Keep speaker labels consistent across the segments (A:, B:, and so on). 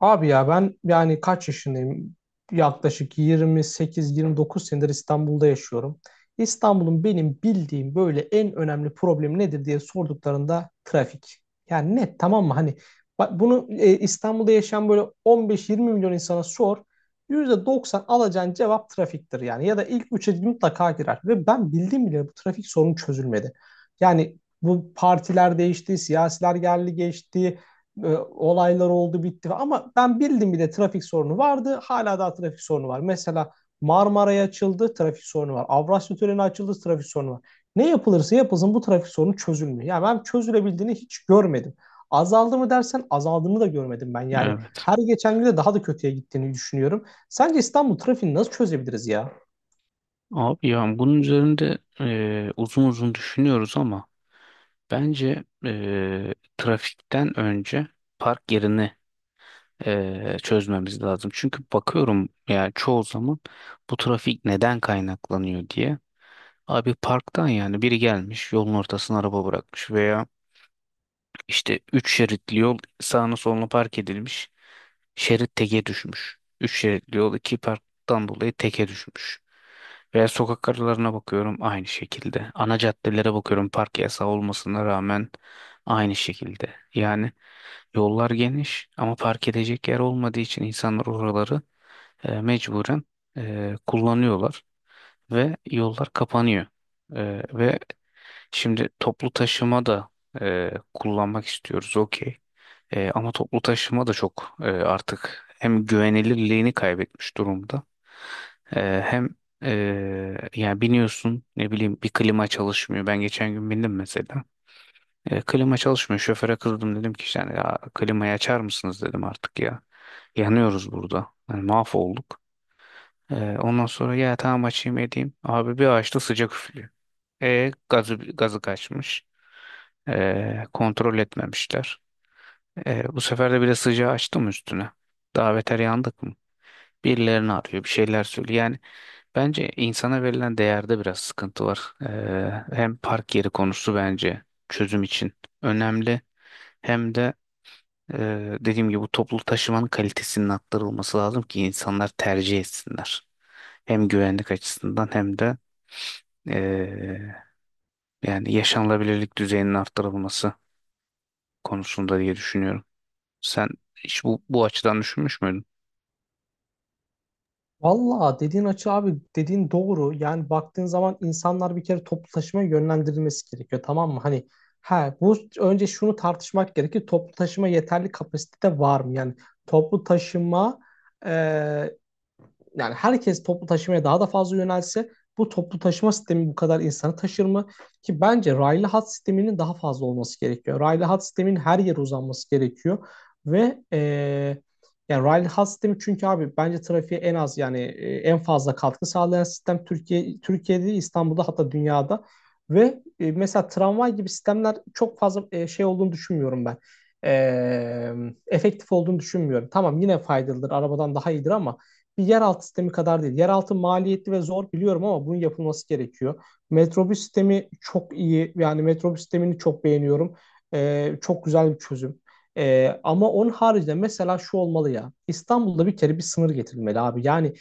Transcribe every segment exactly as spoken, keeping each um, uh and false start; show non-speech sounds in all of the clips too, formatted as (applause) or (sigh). A: Abi ya ben yani kaç yaşındayım? Yaklaşık yirmi sekiz yirmi dokuz senedir İstanbul'da yaşıyorum. İstanbul'un benim bildiğim böyle en önemli problemi nedir diye sorduklarında trafik. Yani net tamam mı? Hani bak bunu e, İstanbul'da yaşayan böyle on beş yirmi milyon insana sor. yüzde doksan alacağın cevap trafiktir yani. Ya da ilk üçe mutlaka girer. Ve ben bildiğim bile bu trafik sorunu çözülmedi. Yani bu partiler değişti, siyasiler geldi geçti, e, olaylar oldu bitti ama ben bildim bile trafik sorunu vardı. Hala daha trafik sorunu var. Mesela Marmara'ya açıldı trafik sorunu var. Avrasya Tüneli açıldı trafik sorunu var. Ne yapılırsa yapılsın bu trafik sorunu çözülmüyor. Yani ben çözülebildiğini hiç görmedim. Azaldı mı dersen azaldığını da görmedim ben. Yani
B: Evet.
A: her geçen gün de daha da kötüye gittiğini düşünüyorum. Sence İstanbul trafiğini nasıl çözebiliriz ya?
B: Abi ya bunun üzerinde e, uzun uzun düşünüyoruz ama bence e, trafikten önce park yerini e, çözmemiz lazım. Çünkü bakıyorum yani çoğu zaman bu trafik neden kaynaklanıyor diye. Abi parktan yani biri gelmiş yolun ortasına araba bırakmış veya işte üç şeritli yol sağına soluna park edilmiş. Şerit teke düşmüş. Üç şeritli yol iki parktan dolayı teke düşmüş. Veya sokak aralarına bakıyorum aynı şekilde. Ana caddelere bakıyorum park yasağı olmasına rağmen aynı şekilde. Yani yollar geniş ama park edecek yer olmadığı için insanlar oraları e, mecburen e, kullanıyorlar ve yollar kapanıyor. E, ve şimdi toplu taşıma da e, kullanmak istiyoruz okey. E, ama toplu taşıma da çok e, artık hem güvenilirliğini kaybetmiş durumda. E, hem e, Yani biniyorsun ne bileyim bir klima çalışmıyor. Ben geçen gün bindim mesela. E, klima çalışmıyor. Şoföre kızdım dedim ki işte hani, ya, klimayı açar mısınız dedim artık ya. Yanıyoruz burada. Yani mahvolduk. E, ondan sonra ya tamam açayım edeyim. Abi bir açtı sıcak üflüyor. E gazı, gazı kaçmış. E, kontrol etmemişler. E, bu sefer de biraz sıcağı açtım üstüne. Daha beter yandık mı? Birilerini arıyor, bir şeyler söylüyor. Yani bence insana verilen değerde biraz sıkıntı var. E, hem park yeri konusu bence çözüm için önemli. Hem de e, dediğim gibi bu toplu taşımanın kalitesinin arttırılması lazım ki insanlar tercih etsinler. Hem güvenlik açısından hem de e, yani yaşanılabilirlik düzeyinin arttırılması konusunda diye düşünüyorum. Sen hiç bu, bu açıdan düşünmüş müydün?
A: Valla dediğin açı abi dediğin doğru. Yani baktığın zaman insanlar bir kere toplu taşımaya yönlendirilmesi gerekiyor, tamam mı? Hani ha bu önce şunu tartışmak gerekir. Toplu taşıma yeterli kapasitede var mı? Yani toplu taşıma, e, yani herkes toplu taşımaya daha da fazla yönelse bu toplu taşıma sistemi bu kadar insanı taşır mı? Ki bence raylı hat sisteminin daha fazla olması gerekiyor. Raylı hat sisteminin her yere uzanması gerekiyor ve eee yani raylı hat sistemi çünkü abi bence trafiğe en az yani e, en fazla katkı sağlayan sistem Türkiye Türkiye'de İstanbul'da hatta dünyada ve e, mesela tramvay gibi sistemler çok fazla e, şey olduğunu düşünmüyorum ben. Eee, efektif olduğunu düşünmüyorum. Tamam, yine faydalıdır, arabadan daha iyidir ama bir yeraltı sistemi kadar değil. Yeraltı maliyetli ve zor biliyorum ama bunun yapılması gerekiyor. Metrobüs sistemi çok iyi. Yani metrobüs sistemini çok beğeniyorum. Ee, çok güzel bir çözüm. Ee, ama onun haricinde mesela şu olmalı ya. İstanbul'da bir kere bir sınır getirilmeli abi. Yani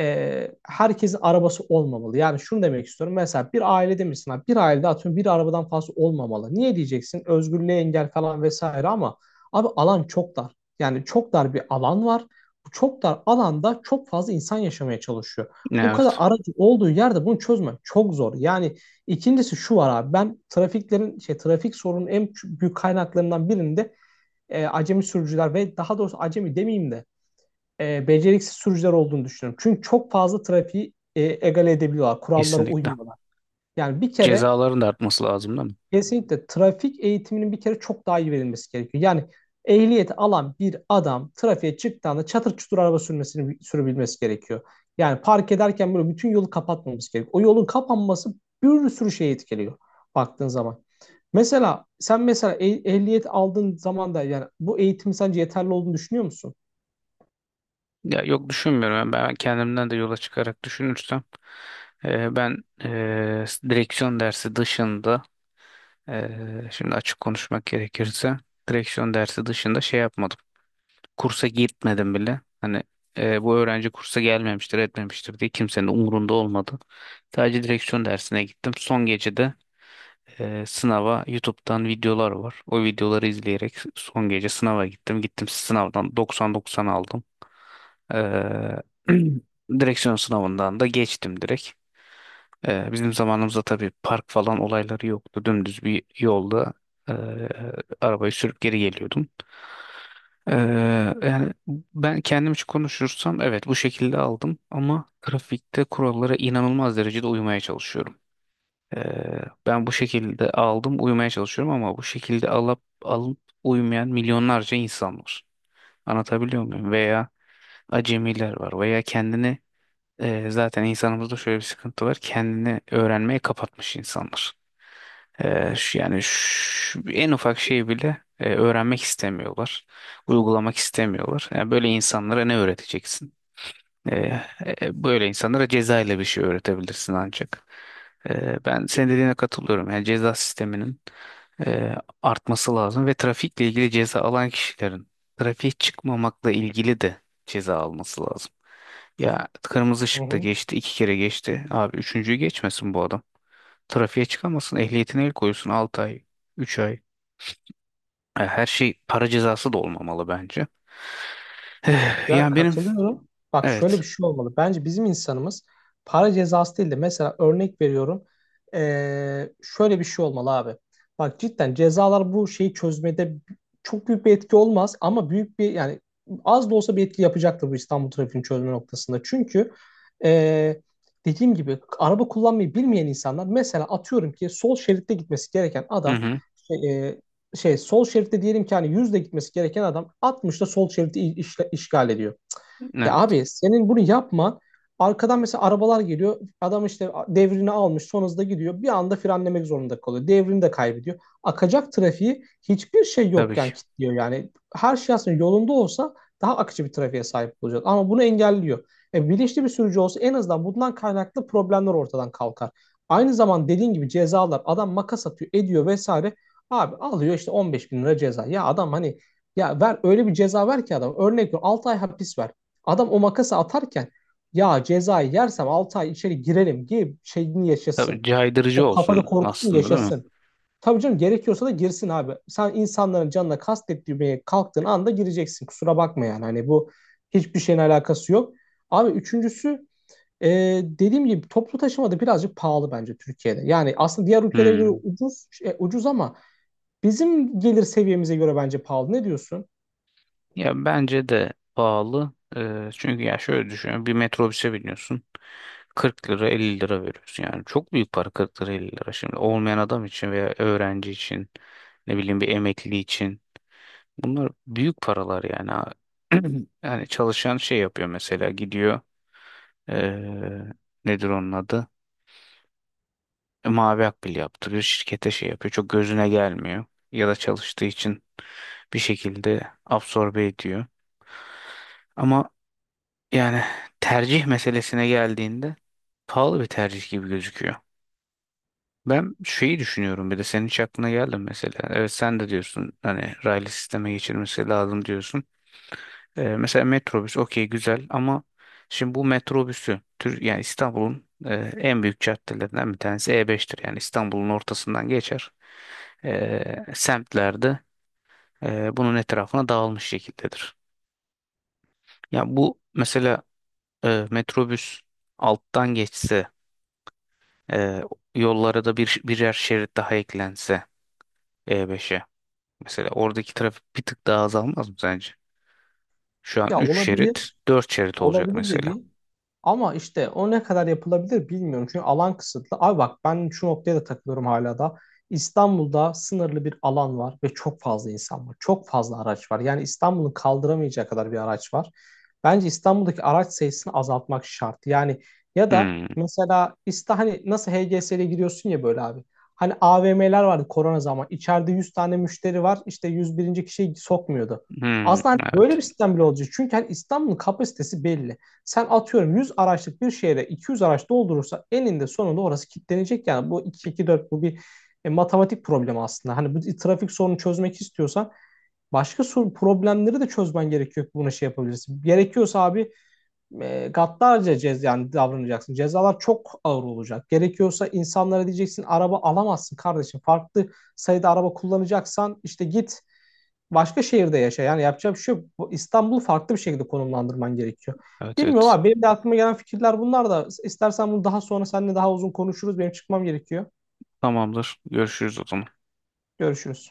A: e, herkesin arabası olmamalı. Yani şunu demek istiyorum. Mesela bir ailede misin, abi? Bir ailede atıyorum bir arabadan fazla olmamalı. Niye diyeceksin? Özgürlüğe engel falan vesaire ama abi alan çok dar. Yani çok dar bir alan var, çok dar alanda çok fazla insan yaşamaya çalışıyor. Bu kadar
B: Evet,
A: aracı olduğu yerde bunu çözmek çok zor. Yani ikincisi şu var abi, ben trafiklerin şey trafik sorunun en büyük kaynaklarından birinde e, acemi sürücüler ve daha doğrusu acemi demeyeyim de e, beceriksiz sürücüler olduğunu düşünüyorum. Çünkü çok fazla trafiği e, egale edebiliyorlar. Kurallara
B: kesinlikle.
A: uymuyorlar. Yani bir kere
B: Cezaların da artması lazım değil mi?
A: kesinlikle trafik eğitiminin bir kere çok daha iyi verilmesi gerekiyor. Yani ehliyeti alan bir adam trafiğe çıktığında çatır çutur araba sürmesini sürebilmesi gerekiyor. Yani park ederken böyle bütün yolu kapatmamız gerekiyor. O yolun kapanması bir sürü şeyi etkiliyor baktığın zaman. Mesela sen mesela eh- ehliyet aldığın zaman da yani bu eğitim sence yeterli olduğunu düşünüyor musun?
B: Ya yok düşünmüyorum. Yani ben kendimden de yola çıkarak düşünürsem e, ben e, direksiyon dersi dışında e, şimdi açık konuşmak gerekirse direksiyon dersi dışında şey yapmadım. Kursa gitmedim bile. Hani e, bu öğrenci kursa gelmemiştir, etmemiştir diye kimsenin umurunda olmadı. Sadece direksiyon dersine gittim. Son gecede e, sınava YouTube'dan videolar var. O videoları izleyerek son gece sınava gittim. Gittim sınavdan doksan doksan aldım. Ee, (clears throat) direksiyon sınavından da geçtim direkt. Ee, bizim zamanımızda tabii park falan olayları yoktu. Dümdüz bir yolda e, arabayı sürüp geri geliyordum. Ee, yani ben kendim için konuşursam evet bu şekilde aldım ama trafikte kurallara inanılmaz derecede uymaya çalışıyorum. Eee, ben bu şekilde aldım uyumaya çalışıyorum ama bu şekilde alıp alıp uyumayan milyonlarca insan var. Anlatabiliyor muyum? Veya acemiler var veya kendini eee, zaten insanımızda şöyle bir sıkıntı var. Kendini öğrenmeye kapatmış insanlar. Eee, şu- yani şu- en ufak şeyi bile eee, öğrenmek istemiyorlar. Uygulamak istemiyorlar. Yani böyle insanlara ne öğreteceksin? E, e, Böyle insanlara ceza ile bir şey öğretebilirsin ancak. E, ben senin dediğine katılıyorum. Yani ceza sisteminin e, artması lazım ve trafikle ilgili ceza alan kişilerin trafiğe çıkmamakla ilgili de ceza alması lazım. Ya kırmızı
A: Hı
B: ışıkta
A: hı.
B: geçti, iki kere geçti. Abi üçüncüyü geçmesin bu adam. Trafiğe çıkamasın, ehliyetine el koysun altı ay, üç ay. E, Her şey para cezası da olmamalı bence. Eh,
A: Ya
B: Yani benim
A: katılıyorum. Bak şöyle
B: evet.
A: bir şey olmalı. Bence bizim insanımız para cezası değil de mesela örnek veriyorum. Ee, şöyle bir şey olmalı abi. Bak cidden cezalar bu şeyi çözmede çok büyük bir etki olmaz ama büyük bir yani az da olsa bir etki yapacaktır bu İstanbul trafiğini çözme noktasında. Çünkü ee, dediğim gibi araba kullanmayı bilmeyen insanlar mesela atıyorum ki sol şeritte gitmesi gereken
B: Hı
A: adam
B: hı.
A: şey, e, şey sol şeritte diyelim ki hani yüzde gitmesi gereken adam altmışta sol şeriti işgal ediyor. Ya
B: Evet.
A: abi senin bunu yapman, arkadan mesela arabalar geliyor. Adam işte devrini almış son hızda gidiyor. Bir anda frenlemek zorunda kalıyor. Devrini de kaybediyor. Akacak trafiği hiçbir şey
B: Tabii ki.
A: yokken kilitliyor. Yani her şey aslında yolunda olsa daha akıcı bir trafiğe sahip olacağız. Ama bunu engelliyor. E, bilinçli bir sürücü olsa en azından bundan kaynaklı problemler ortadan kalkar. Aynı zaman dediğin gibi cezalar, adam makas atıyor ediyor vesaire. Abi alıyor işte on beş bin lira ceza. Ya adam hani ya ver öyle bir ceza ver ki adam. Örnek veriyorum altı ay hapis ver. Adam o makası atarken ya cezayı yersem altı ay içeri girerim gibi şeyini
B: Tabii
A: yaşasın.
B: caydırıcı
A: O kafada
B: olsun
A: korkusunu
B: aslında değil mi?
A: yaşasın. Tabii canım, gerekiyorsa da girsin abi. Sen insanların canına kastetmeye kalktığın anda gireceksin. Kusura bakma yani. Hani bu hiçbir şeyin alakası yok. Abi üçüncüsü, e, dediğim gibi toplu taşıma da birazcık pahalı bence Türkiye'de. Yani aslında diğer ülkelere göre
B: Hmm.
A: ucuz, şey, ucuz ama bizim gelir seviyemize göre bence pahalı. Ne diyorsun?
B: Ya bence de pahalı. Ee, çünkü ya şöyle düşünüyorum. Bir metrobüse biniyorsun. Kırk lira elli lira veriyorsun. Yani çok büyük para kırk lira elli lira. Şimdi olmayan adam için veya öğrenci için ne bileyim bir emekli için. Bunlar büyük paralar yani. Ha- (clears throat) yani çalışan şey yapıyor mesela gidiyor. Ee, Nedir onun adı? E, Mavi akbil yaptırıyor. Şirkete şey yapıyor. Çok gözüne gelmiyor. Ya da çalıştığı için bir şekilde absorbe ediyor. Ama yani tercih meselesine geldiğinde pahalı bir tercih gibi gözüküyor. Ben şeyi düşünüyorum bir de senin hiç aklına geldi mi mesela? Evet sen de diyorsun hani raylı sisteme geçirmesi lazım diyorsun. Ee, mesela metrobüs okey güzel ama şimdi bu metrobüsü tür yani İstanbul'un e, en büyük caddelerinden bir tanesi E beştir. Yani İstanbul'un ortasından geçer. Ee, semtlerde e, bunun etrafına dağılmış şekildedir. Ya bu mesela e, metrobüs alttan geçse e, yollara da bir birer şerit daha eklense E beşe mesela oradaki trafik bir tık daha azalmaz mı sence? Şu an
A: Ya
B: üç şerit,
A: olabilir.
B: dört şerit olacak
A: Olabilir
B: mesela.
A: dediğin. Ama işte o ne kadar yapılabilir bilmiyorum. Çünkü alan kısıtlı. Abi bak ben şu noktaya da takılıyorum hala da. İstanbul'da sınırlı bir alan var ve çok fazla insan var. Çok fazla araç var. Yani İstanbul'un kaldıramayacağı kadar bir araç var. Bence İstanbul'daki araç sayısını azaltmak şart. Yani ya da
B: Hmm.
A: mesela İsta hani nasıl H G S'ye giriyorsun ya böyle abi. Hani A V M'ler vardı korona zaman. İçeride yüz tane müşteri var. İşte yüz birinci. kişiyi sokmuyordu.
B: Hmm.
A: Aslında hani böyle
B: Evet.
A: bir sistem bile olacak. Çünkü hani İstanbul'un kapasitesi belli. Sen atıyorum yüz araçlık bir şehre iki yüz araç doldurursa eninde sonunda orası kilitlenecek. Yani bu iki iki-dört, bu bir e, matematik problemi aslında. Hani bu trafik sorunu çözmek istiyorsan başka sorun, problemleri de çözmen gerekiyor ki buna şey yapabilirsin. Gerekiyorsa abi e, gaddarca cez yani davranacaksın. Cezalar çok ağır olacak. Gerekiyorsa insanlara diyeceksin araba alamazsın kardeşim. Farklı sayıda araba kullanacaksan işte git başka şehirde yaşa. Yani yapacağım bir şey, bu İstanbul'u farklı bir şekilde konumlandırman gerekiyor.
B: Evet
A: Bilmiyorum
B: evet.
A: abi, benim de aklıma gelen fikirler bunlar da. İstersen bunu daha sonra seninle daha uzun konuşuruz. Benim çıkmam gerekiyor.
B: Tamamdır. Görüşürüz o zaman.
A: Görüşürüz.